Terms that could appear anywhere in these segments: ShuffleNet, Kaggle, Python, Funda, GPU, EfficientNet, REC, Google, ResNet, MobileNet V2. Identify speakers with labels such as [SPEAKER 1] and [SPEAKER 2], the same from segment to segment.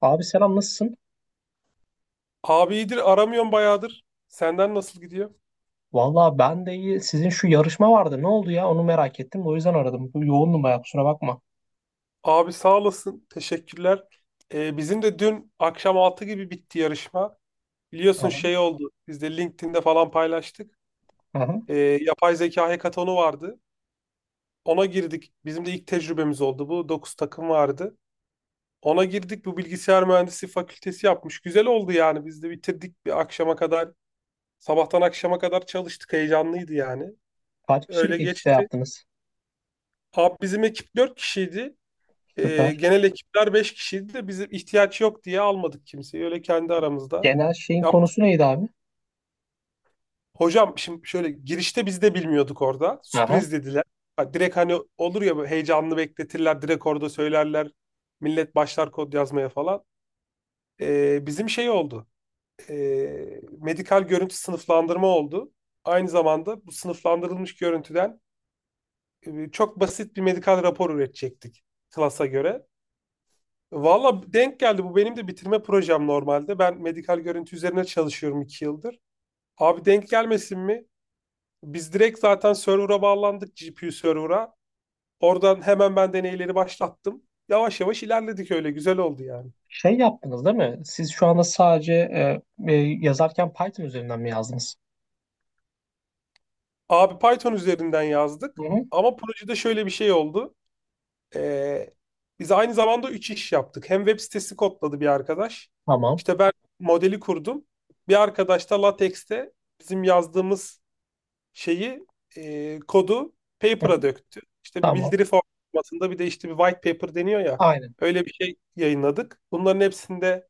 [SPEAKER 1] Abi selam nasılsın?
[SPEAKER 2] Abi iyidir, aramıyorum bayağıdır. Senden nasıl gidiyor?
[SPEAKER 1] Valla ben de iyi. Sizin şu yarışma vardı. Ne oldu ya? Onu merak ettim. O yüzden aradım. Yoğundum bayağı, kusura bakma.
[SPEAKER 2] Abi sağ olasın. Teşekkürler. Bizim de dün akşam 6 gibi bitti yarışma. Biliyorsun
[SPEAKER 1] Aha,
[SPEAKER 2] şey oldu. Biz de LinkedIn'de falan paylaştık.
[SPEAKER 1] aha.
[SPEAKER 2] Yapay zeka hekatonu vardı. Ona girdik. Bizim de ilk tecrübemiz oldu bu. Dokuz takım vardı. Ona girdik. Bu bilgisayar mühendisliği fakültesi yapmış. Güzel oldu yani. Biz de bitirdik bir akşama kadar. Sabahtan akşama kadar çalıştık. Heyecanlıydı yani.
[SPEAKER 1] Kaç
[SPEAKER 2] Öyle
[SPEAKER 1] kişilik ekipte
[SPEAKER 2] geçti.
[SPEAKER 1] yaptınız?
[SPEAKER 2] Abi bizim ekip 4 kişiydi.
[SPEAKER 1] Süper.
[SPEAKER 2] Genel ekipler 5 kişiydi de bizim ihtiyaç yok diye almadık kimseyi. Öyle kendi aramızda
[SPEAKER 1] Genel şeyin
[SPEAKER 2] yaptık.
[SPEAKER 1] konusu neydi abi?
[SPEAKER 2] Hocam şimdi şöyle girişte biz de bilmiyorduk orada.
[SPEAKER 1] Aha.
[SPEAKER 2] Sürpriz dediler. Ha, direkt hani olur ya böyle heyecanlı bekletirler. Direkt orada söylerler. Millet başlar kod yazmaya falan. Bizim şey oldu. Medikal görüntü sınıflandırma oldu. Aynı zamanda bu sınıflandırılmış görüntüden çok basit bir medikal rapor üretecektik klasa göre. Valla denk geldi. Bu benim de bitirme projem normalde. Ben medikal görüntü üzerine çalışıyorum 2 yıldır. Abi denk gelmesin mi? Biz direkt zaten server'a bağlandık, GPU server'a. Oradan hemen ben deneyleri başlattım. Yavaş yavaş ilerledik, öyle güzel oldu yani.
[SPEAKER 1] Şey yaptınız değil mi? Siz şu anda sadece e, e, yazarken Python üzerinden mi yazdınız?
[SPEAKER 2] Abi Python üzerinden
[SPEAKER 1] Hı
[SPEAKER 2] yazdık.
[SPEAKER 1] hı.
[SPEAKER 2] Ama projede şöyle bir şey oldu. Ee, Biz aynı zamanda üç iş yaptık. Hem web sitesi kodladı bir arkadaş.
[SPEAKER 1] Tamam.
[SPEAKER 2] İşte ben modeli kurdum. Bir arkadaş da LaTeX'te bizim yazdığımız şeyi, kodu
[SPEAKER 1] Hı hı.
[SPEAKER 2] paper'a döktü. İşte bir
[SPEAKER 1] Tamam.
[SPEAKER 2] bildiri formatında, bir de işte bir white paper deniyor ya.
[SPEAKER 1] Aynen.
[SPEAKER 2] Öyle bir şey yayınladık. Bunların hepsinde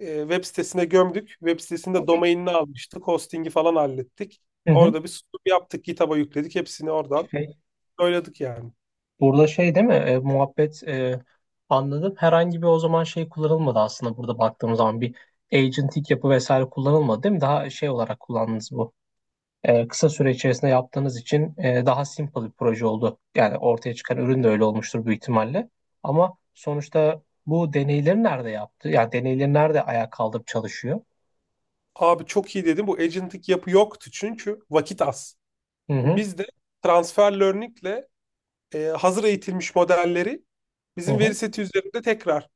[SPEAKER 2] web sitesine gömdük. Web sitesinde domainini almıştık. Hosting'i falan hallettik.
[SPEAKER 1] Hı hı.
[SPEAKER 2] Orada bir sunum yaptık. GitHub'a yükledik. Hepsini oradan
[SPEAKER 1] Şey,
[SPEAKER 2] söyledik yani.
[SPEAKER 1] Burada şey değil mi? Muhabbet, anladım. Herhangi bir o zaman şey kullanılmadı aslında, burada baktığım zaman bir agentik yapı vesaire kullanılmadı değil mi? Daha şey olarak kullandınız bu. Kısa süre içerisinde yaptığınız için daha simple bir proje oldu. Yani ortaya çıkan ürün de öyle olmuştur büyük ihtimalle. Ama sonuçta bu deneyleri nerede yaptı? Yani deneyleri nerede ayağa kaldırıp çalışıyor?
[SPEAKER 2] Abi çok iyi dedim. Bu agentik yapı yoktu çünkü vakit az.
[SPEAKER 1] Hı hı.
[SPEAKER 2] Biz de transfer learning'le hazır eğitilmiş modelleri
[SPEAKER 1] Hı
[SPEAKER 2] bizim veri
[SPEAKER 1] hı.
[SPEAKER 2] seti üzerinde tekrar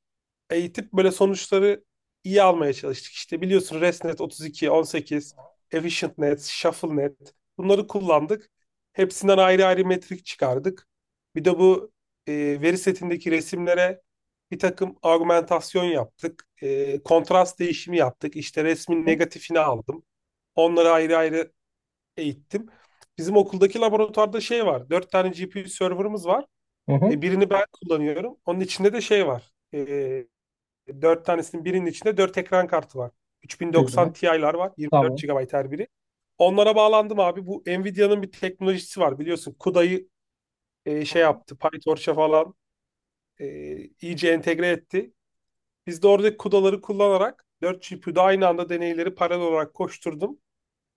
[SPEAKER 2] eğitip böyle sonuçları iyi almaya çalıştık. İşte biliyorsun, ResNet 32, 18, EfficientNet, ShuffleNet, bunları kullandık. Hepsinden ayrı ayrı metrik çıkardık. Bir de bu e, veri setindeki resimlere bir takım argümantasyon yaptık. E, kontrast değişimi yaptık. İşte resmin
[SPEAKER 1] Hı hı.
[SPEAKER 2] negatifini aldım. Onları ayrı ayrı eğittim. Bizim okuldaki laboratuvarda şey var. Dört tane GPU server'ımız var.
[SPEAKER 1] Hı hı.
[SPEAKER 2] E, birini ben kullanıyorum. Onun içinde de şey var. E, Dört tanesinin birinin içinde dört ekran kartı var. 3090
[SPEAKER 1] Güzel.
[SPEAKER 2] Ti'ler var. 24
[SPEAKER 1] Tamam.
[SPEAKER 2] GB her biri. Onlara bağlandım abi. Bu Nvidia'nın bir teknolojisi var biliyorsun. CUDA'yı
[SPEAKER 1] Hı
[SPEAKER 2] şey
[SPEAKER 1] hı.
[SPEAKER 2] yaptı. PyTorch'a falan e, iyice entegre etti. Biz de oradaki CUDA'ları kullanarak 4 GPU'da aynı anda deneyleri paralel olarak koşturdum.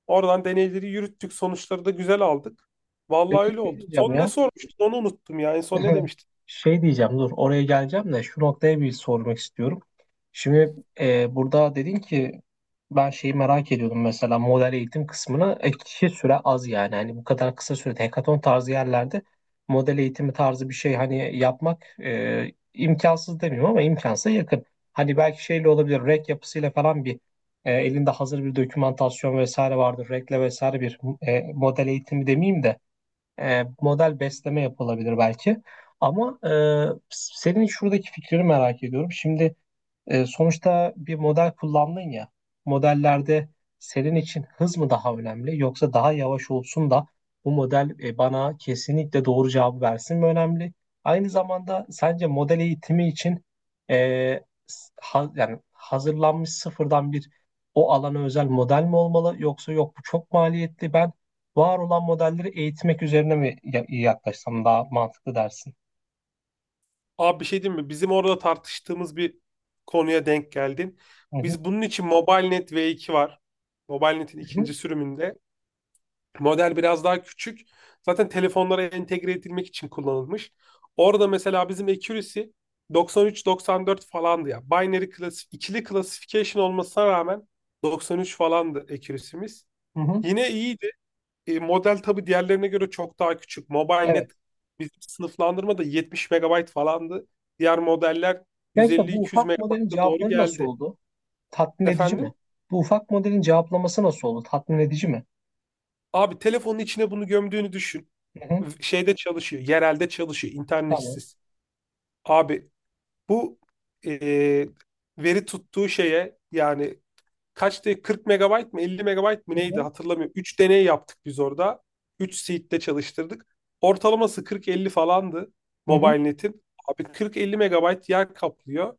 [SPEAKER 2] Oradan deneyleri yürüttük. Sonuçları da güzel aldık. Vallahi
[SPEAKER 1] Peki
[SPEAKER 2] öyle
[SPEAKER 1] şey
[SPEAKER 2] oldu.
[SPEAKER 1] diyeceğim
[SPEAKER 2] Son ne
[SPEAKER 1] ya.
[SPEAKER 2] sormuştun, onu unuttum ya. En son ne demiştin?
[SPEAKER 1] Şey diyeceğim, dur, oraya geleceğim de şu noktaya bir sormak istiyorum. Şimdi burada dedin ki, ben şeyi merak ediyordum, mesela model eğitim kısmını, kişi süre az, yani hani bu kadar kısa sürede hekaton tarzı yerlerde model eğitimi tarzı bir şey hani yapmak, imkansız demiyorum ama imkansa yakın. Hani belki şeyle olabilir, REC yapısıyla falan bir, elinde hazır bir dokümantasyon vesaire vardır, REC'le vesaire bir, model eğitimi demeyeyim de, model besleme yapılabilir belki. Ama senin şuradaki fikrini merak ediyorum. Şimdi sonuçta bir model kullandın ya. Modellerde senin için hız mı daha önemli, yoksa daha yavaş olsun da bu model bana kesinlikle doğru cevabı versin mi önemli? Aynı zamanda sence model eğitimi için, e, yani hazırlanmış sıfırdan bir o alana özel model mi olmalı, yoksa yok bu çok maliyetli, ben var olan modelleri eğitmek üzerine mi yaklaşsam daha mantıklı dersin?
[SPEAKER 2] Abi bir şey diyeyim mi? Bizim orada tartıştığımız bir konuya denk geldin.
[SPEAKER 1] Hı hı,
[SPEAKER 2] Biz bunun için MobileNet V2 var. MobileNet'in
[SPEAKER 1] hı hı,
[SPEAKER 2] ikinci sürümünde. Model biraz daha küçük. Zaten telefonlara entegre edilmek için kullanılmış. Orada mesela bizim accuracy 93-94 falandı ya. Binary klasi, ikili classification olmasına rağmen 93 falandı accuracy'miz.
[SPEAKER 1] hı hı.
[SPEAKER 2] Yine iyiydi. E, model tabii diğerlerine göre çok daha küçük. MobileNet
[SPEAKER 1] Evet.
[SPEAKER 2] bizim sınıflandırmada 70 megabayt falandı. Diğer modeller
[SPEAKER 1] Gerçekten bu
[SPEAKER 2] 150-200
[SPEAKER 1] ufak modelin
[SPEAKER 2] megabayta doğru
[SPEAKER 1] cevapları nasıl
[SPEAKER 2] geldi.
[SPEAKER 1] oldu? Tatmin edici mi?
[SPEAKER 2] Efendim?
[SPEAKER 1] Bu ufak modelin cevaplaması nasıl oldu? Tatmin edici mi?
[SPEAKER 2] Abi telefonun içine bunu gömdüğünü düşün.
[SPEAKER 1] Hı hı,
[SPEAKER 2] Şeyde çalışıyor, yerelde çalışıyor,
[SPEAKER 1] tamam.
[SPEAKER 2] internetsiz. Abi bu e, veri tuttuğu şeye yani, kaçtı, 40 megabayt mı 50 megabayt mı
[SPEAKER 1] Hı
[SPEAKER 2] neydi,
[SPEAKER 1] hı,
[SPEAKER 2] hatırlamıyorum. 3 deney yaptık biz orada. 3 seed'de çalıştırdık. Ortalaması 40-50 falandı
[SPEAKER 1] hı hı.
[SPEAKER 2] MobileNet'in. Abi 40-50 megabayt yer kaplıyor.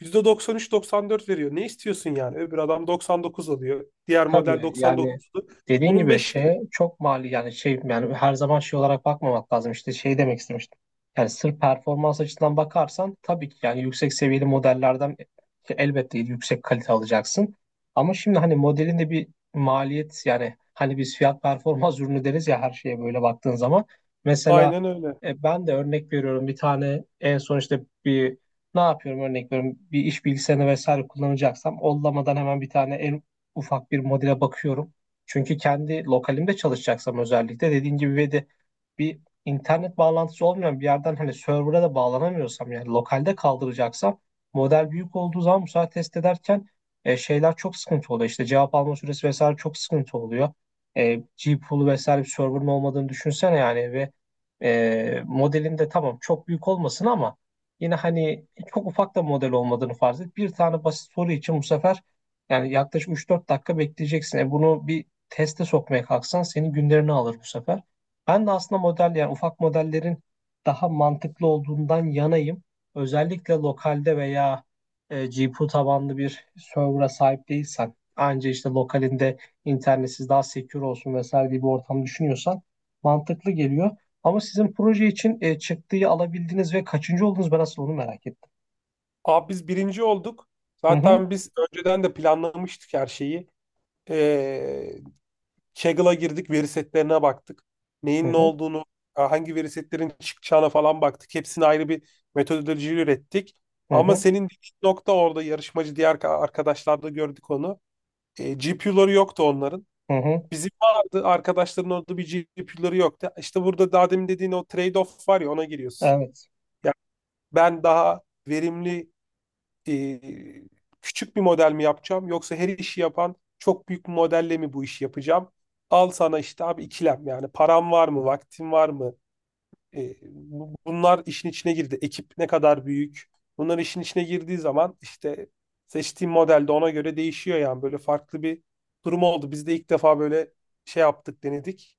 [SPEAKER 2] %93-94 veriyor. Ne istiyorsun yani? Öbür adam 99 alıyor. Diğer model
[SPEAKER 1] Tabii yani
[SPEAKER 2] 99'du.
[SPEAKER 1] dediğin
[SPEAKER 2] Onun
[SPEAKER 1] gibi
[SPEAKER 2] 5...
[SPEAKER 1] şey çok mali, yani şey, yani her zaman şey olarak bakmamak lazım, işte şey demek istemiştim. Yani sırf performans açısından bakarsan tabii ki yani yüksek seviyeli modellerden elbette yüksek kalite alacaksın. Ama şimdi hani modelin de bir maliyet, yani hani biz fiyat performans ürünü deriz ya, her şeye böyle baktığın zaman. Mesela
[SPEAKER 2] Aynen öyle.
[SPEAKER 1] ben de örnek veriyorum, bir tane en son işte bir, ne yapıyorum, örnek veriyorum, bir iş bilgisayarını vesaire kullanacaksam ollamadan hemen bir tane ufak bir modele bakıyorum. Çünkü kendi lokalimde çalışacaksam, özellikle dediğin gibi bir internet bağlantısı olmayan bir yerden, hani server'a da bağlanamıyorsam, yani lokalde kaldıracaksam, model büyük olduğu zaman bu sefer test ederken şeyler çok sıkıntı oluyor. İşte cevap alma süresi vesaire çok sıkıntı oluyor. E, GPoo'lu vesaire bir server'ın olmadığını düşünsene yani, ve modelin de tamam çok büyük olmasın ama yine hani çok ufak da model olmadığını farz et. Bir tane basit soru için bu sefer yani yaklaşık üç dört dakika bekleyeceksin. Bunu bir teste sokmaya kalksan senin günlerini alır bu sefer. Ben de aslında, model yani ufak modellerin daha mantıklı olduğundan yanayım. Özellikle lokalde veya GPU tabanlı bir server'a sahip değilsen, anca işte lokalinde internetsiz daha secure olsun vesaire diye bir ortam düşünüyorsan mantıklı geliyor. Ama sizin proje için çıktıyı alabildiniz ve kaçıncı oldunuz, ben aslında onu merak ettim.
[SPEAKER 2] Abi biz birinci olduk.
[SPEAKER 1] Hı hı,
[SPEAKER 2] Zaten biz önceden de planlamıştık her şeyi. Ee, Kaggle'a girdik, veri setlerine baktık.
[SPEAKER 1] hı
[SPEAKER 2] Neyin ne
[SPEAKER 1] hı,
[SPEAKER 2] olduğunu, hangi veri setlerin çıkacağına falan baktık. Hepsini ayrı bir metodoloji ürettik.
[SPEAKER 1] hı
[SPEAKER 2] Ama
[SPEAKER 1] hı,
[SPEAKER 2] senin dediğin nokta, orada yarışmacı diğer arkadaşlarda gördük onu. E, GPU'ları yoktu onların.
[SPEAKER 1] hı hı.
[SPEAKER 2] Bizim vardı, arkadaşların orada bir GPU'ları yoktu. İşte burada daha demin dediğin o trade-off var ya, ona giriyorsun.
[SPEAKER 1] Evet.
[SPEAKER 2] Yani ben daha verimli, e, küçük bir model mi yapacağım yoksa her işi yapan çok büyük bir modelle mi bu işi yapacağım? Al sana işte abi ikilem, yani param var mı, vaktim var mı? Bunlar işin içine girdi. Ekip ne kadar büyük? Bunlar işin içine girdiği zaman işte seçtiğim model de ona göre değişiyor yani, böyle farklı bir durum oldu. Biz de ilk defa böyle şey yaptık, denedik.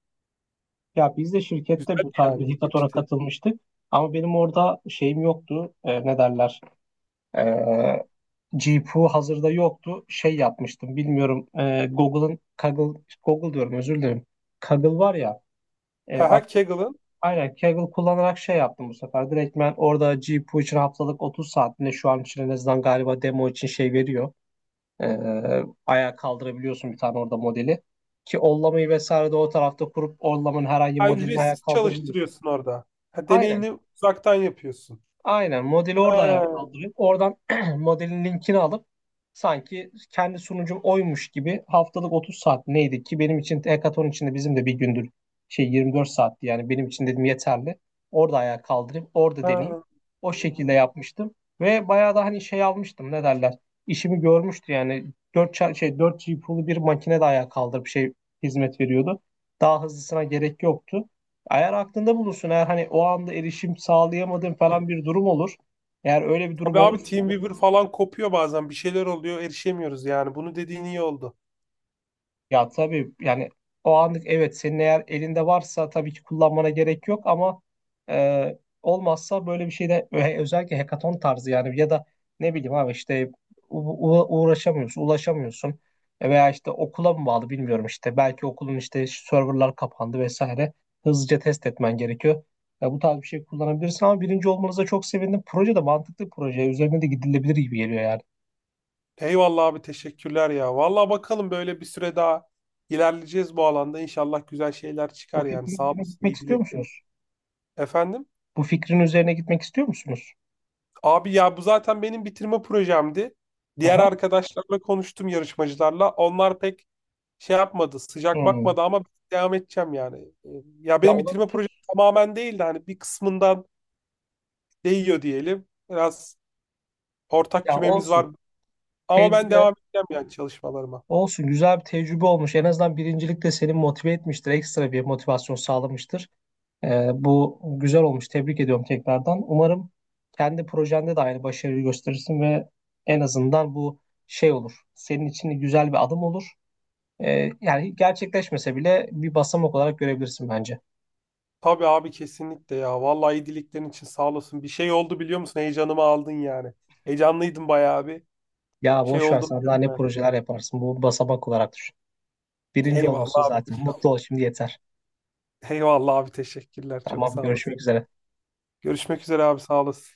[SPEAKER 1] Ya biz de şirkette
[SPEAKER 2] Güzel
[SPEAKER 1] bu tarz
[SPEAKER 2] yani,
[SPEAKER 1] bir hackathon'a
[SPEAKER 2] ilginçti.
[SPEAKER 1] katılmıştık. Ama benim orada şeyim yoktu. Ne derler? E, GPU hazırda yoktu. Şey yapmıştım. Bilmiyorum. Google'ın Kaggle, Google diyorum, özür dilerim. Kaggle var ya. E,
[SPEAKER 2] Ha, ha,
[SPEAKER 1] at-
[SPEAKER 2] Kaggle'ın...
[SPEAKER 1] aynen, Kaggle kullanarak şey yaptım bu sefer. Direkt ben orada GPU için haftalık 30 saatinde, şu an için en azından galiba, demo için şey veriyor. E, Ayağa kaldırabiliyorsun bir tane orada modeli. Ki ollamayı vesaire de o tarafta kurup ollamanın herhangi
[SPEAKER 2] Ha,
[SPEAKER 1] modelini ayağa
[SPEAKER 2] ücretsiz
[SPEAKER 1] kaldırabiliyorsun.
[SPEAKER 2] çalıştırıyorsun orada. Ha,
[SPEAKER 1] Aynen.
[SPEAKER 2] deneyini uzaktan yapıyorsun.
[SPEAKER 1] Aynen, modeli orada ayağa
[SPEAKER 2] Ha.
[SPEAKER 1] kaldırıp oradan modelin linkini alıp sanki kendi sunucum oymuş gibi, haftalık 30 saat neydi ki, benim için hackathon içinde bizim de bir gündür şey 24 saatti, yani benim için dedim yeterli. Orada ayağa kaldırıp orada deneyeyim.
[SPEAKER 2] Ha.
[SPEAKER 1] O şekilde
[SPEAKER 2] Hı-hı.
[SPEAKER 1] yapmıştım ve bayağı da hani şey almıştım, ne derler, işimi görmüştü yani, 4 şey 4 GPU'lu bir makine de ayağa kaldırıp şey hizmet veriyordu. Daha hızlısına gerek yoktu. Eğer aklında bulunsun, eğer hani o anda erişim sağlayamadığın falan bir durum olur, eğer öyle bir durum
[SPEAKER 2] Tabii abi,
[SPEAKER 1] olursa.
[SPEAKER 2] Teamweaver falan kopuyor bazen. Bir şeyler oluyor, erişemiyoruz yani. Bunu dediğin iyi oldu.
[SPEAKER 1] Ya tabii yani, o anlık evet, senin eğer elinde varsa tabii ki kullanmana gerek yok, ama e, olmazsa böyle bir şeyde özellikle hackathon tarzı, yani ya da ne bileyim abi, işte uğraşamıyorsun, ulaşamıyorsun. Veya işte okula mı bağlı bilmiyorum, işte belki okulun işte serverlar kapandı vesaire, hızlıca test etmen gerekiyor. Ya, bu tarz bir şey kullanabilirsin. Ama birinci olmanıza çok sevindim. Proje de mantıklı bir proje. Üzerine de gidilebilir gibi geliyor yani.
[SPEAKER 2] Eyvallah abi, teşekkürler ya. Vallahi bakalım, böyle bir süre daha ilerleyeceğiz bu alanda. İnşallah güzel şeyler
[SPEAKER 1] Bu
[SPEAKER 2] çıkar yani.
[SPEAKER 1] fikrin
[SPEAKER 2] Sağ
[SPEAKER 1] üzerine
[SPEAKER 2] olasın,
[SPEAKER 1] gitmek
[SPEAKER 2] iyi
[SPEAKER 1] istiyor
[SPEAKER 2] dileklerim.
[SPEAKER 1] musunuz?
[SPEAKER 2] Efendim?
[SPEAKER 1] Bu fikrin üzerine gitmek istiyor musunuz?
[SPEAKER 2] Abi ya, bu zaten benim bitirme projemdi. Diğer
[SPEAKER 1] Aha.
[SPEAKER 2] arkadaşlarla konuştum, yarışmacılarla. Onlar pek şey yapmadı, sıcak
[SPEAKER 1] Hmm.
[SPEAKER 2] bakmadı ama devam edeceğim yani. Ya
[SPEAKER 1] Ya,
[SPEAKER 2] benim bitirme projem
[SPEAKER 1] olabilir.
[SPEAKER 2] tamamen değil de hani bir kısmından değiyor diyelim. Biraz ortak
[SPEAKER 1] Ya,
[SPEAKER 2] kümemiz var.
[SPEAKER 1] olsun.
[SPEAKER 2] Ama ben
[SPEAKER 1] Tecrübe
[SPEAKER 2] devam edeceğim yani çalışmalarıma.
[SPEAKER 1] olsun. Güzel bir tecrübe olmuş. En azından birincilik de seni motive etmiştir. Ekstra bir motivasyon sağlamıştır. Bu güzel olmuş. Tebrik ediyorum tekrardan. Umarım kendi projende de aynı başarıyı gösterirsin ve en azından bu şey olur, senin için güzel bir adım olur. Yani gerçekleşmese bile bir basamak olarak görebilirsin bence.
[SPEAKER 2] Tabii abi, kesinlikle ya. Vallahi iyi dileklerin için sağ olasın. Bir şey oldu biliyor musun? Heyecanımı aldın yani. Heyecanlıydım bayağı bir.
[SPEAKER 1] Ya
[SPEAKER 2] Şey
[SPEAKER 1] boş ver,
[SPEAKER 2] oldu
[SPEAKER 1] sen daha ne
[SPEAKER 2] yani.
[SPEAKER 1] projeler yaparsın. Bu basamak olarak düşün. Birinci olmuşsun
[SPEAKER 2] Eyvallah abi.
[SPEAKER 1] zaten. Mutlu ol şimdi, yeter.
[SPEAKER 2] Eyvallah abi, teşekkürler. Çok
[SPEAKER 1] Tamam,
[SPEAKER 2] sağ olasın.
[SPEAKER 1] görüşmek üzere.
[SPEAKER 2] Görüşmek üzere abi, sağ olasın.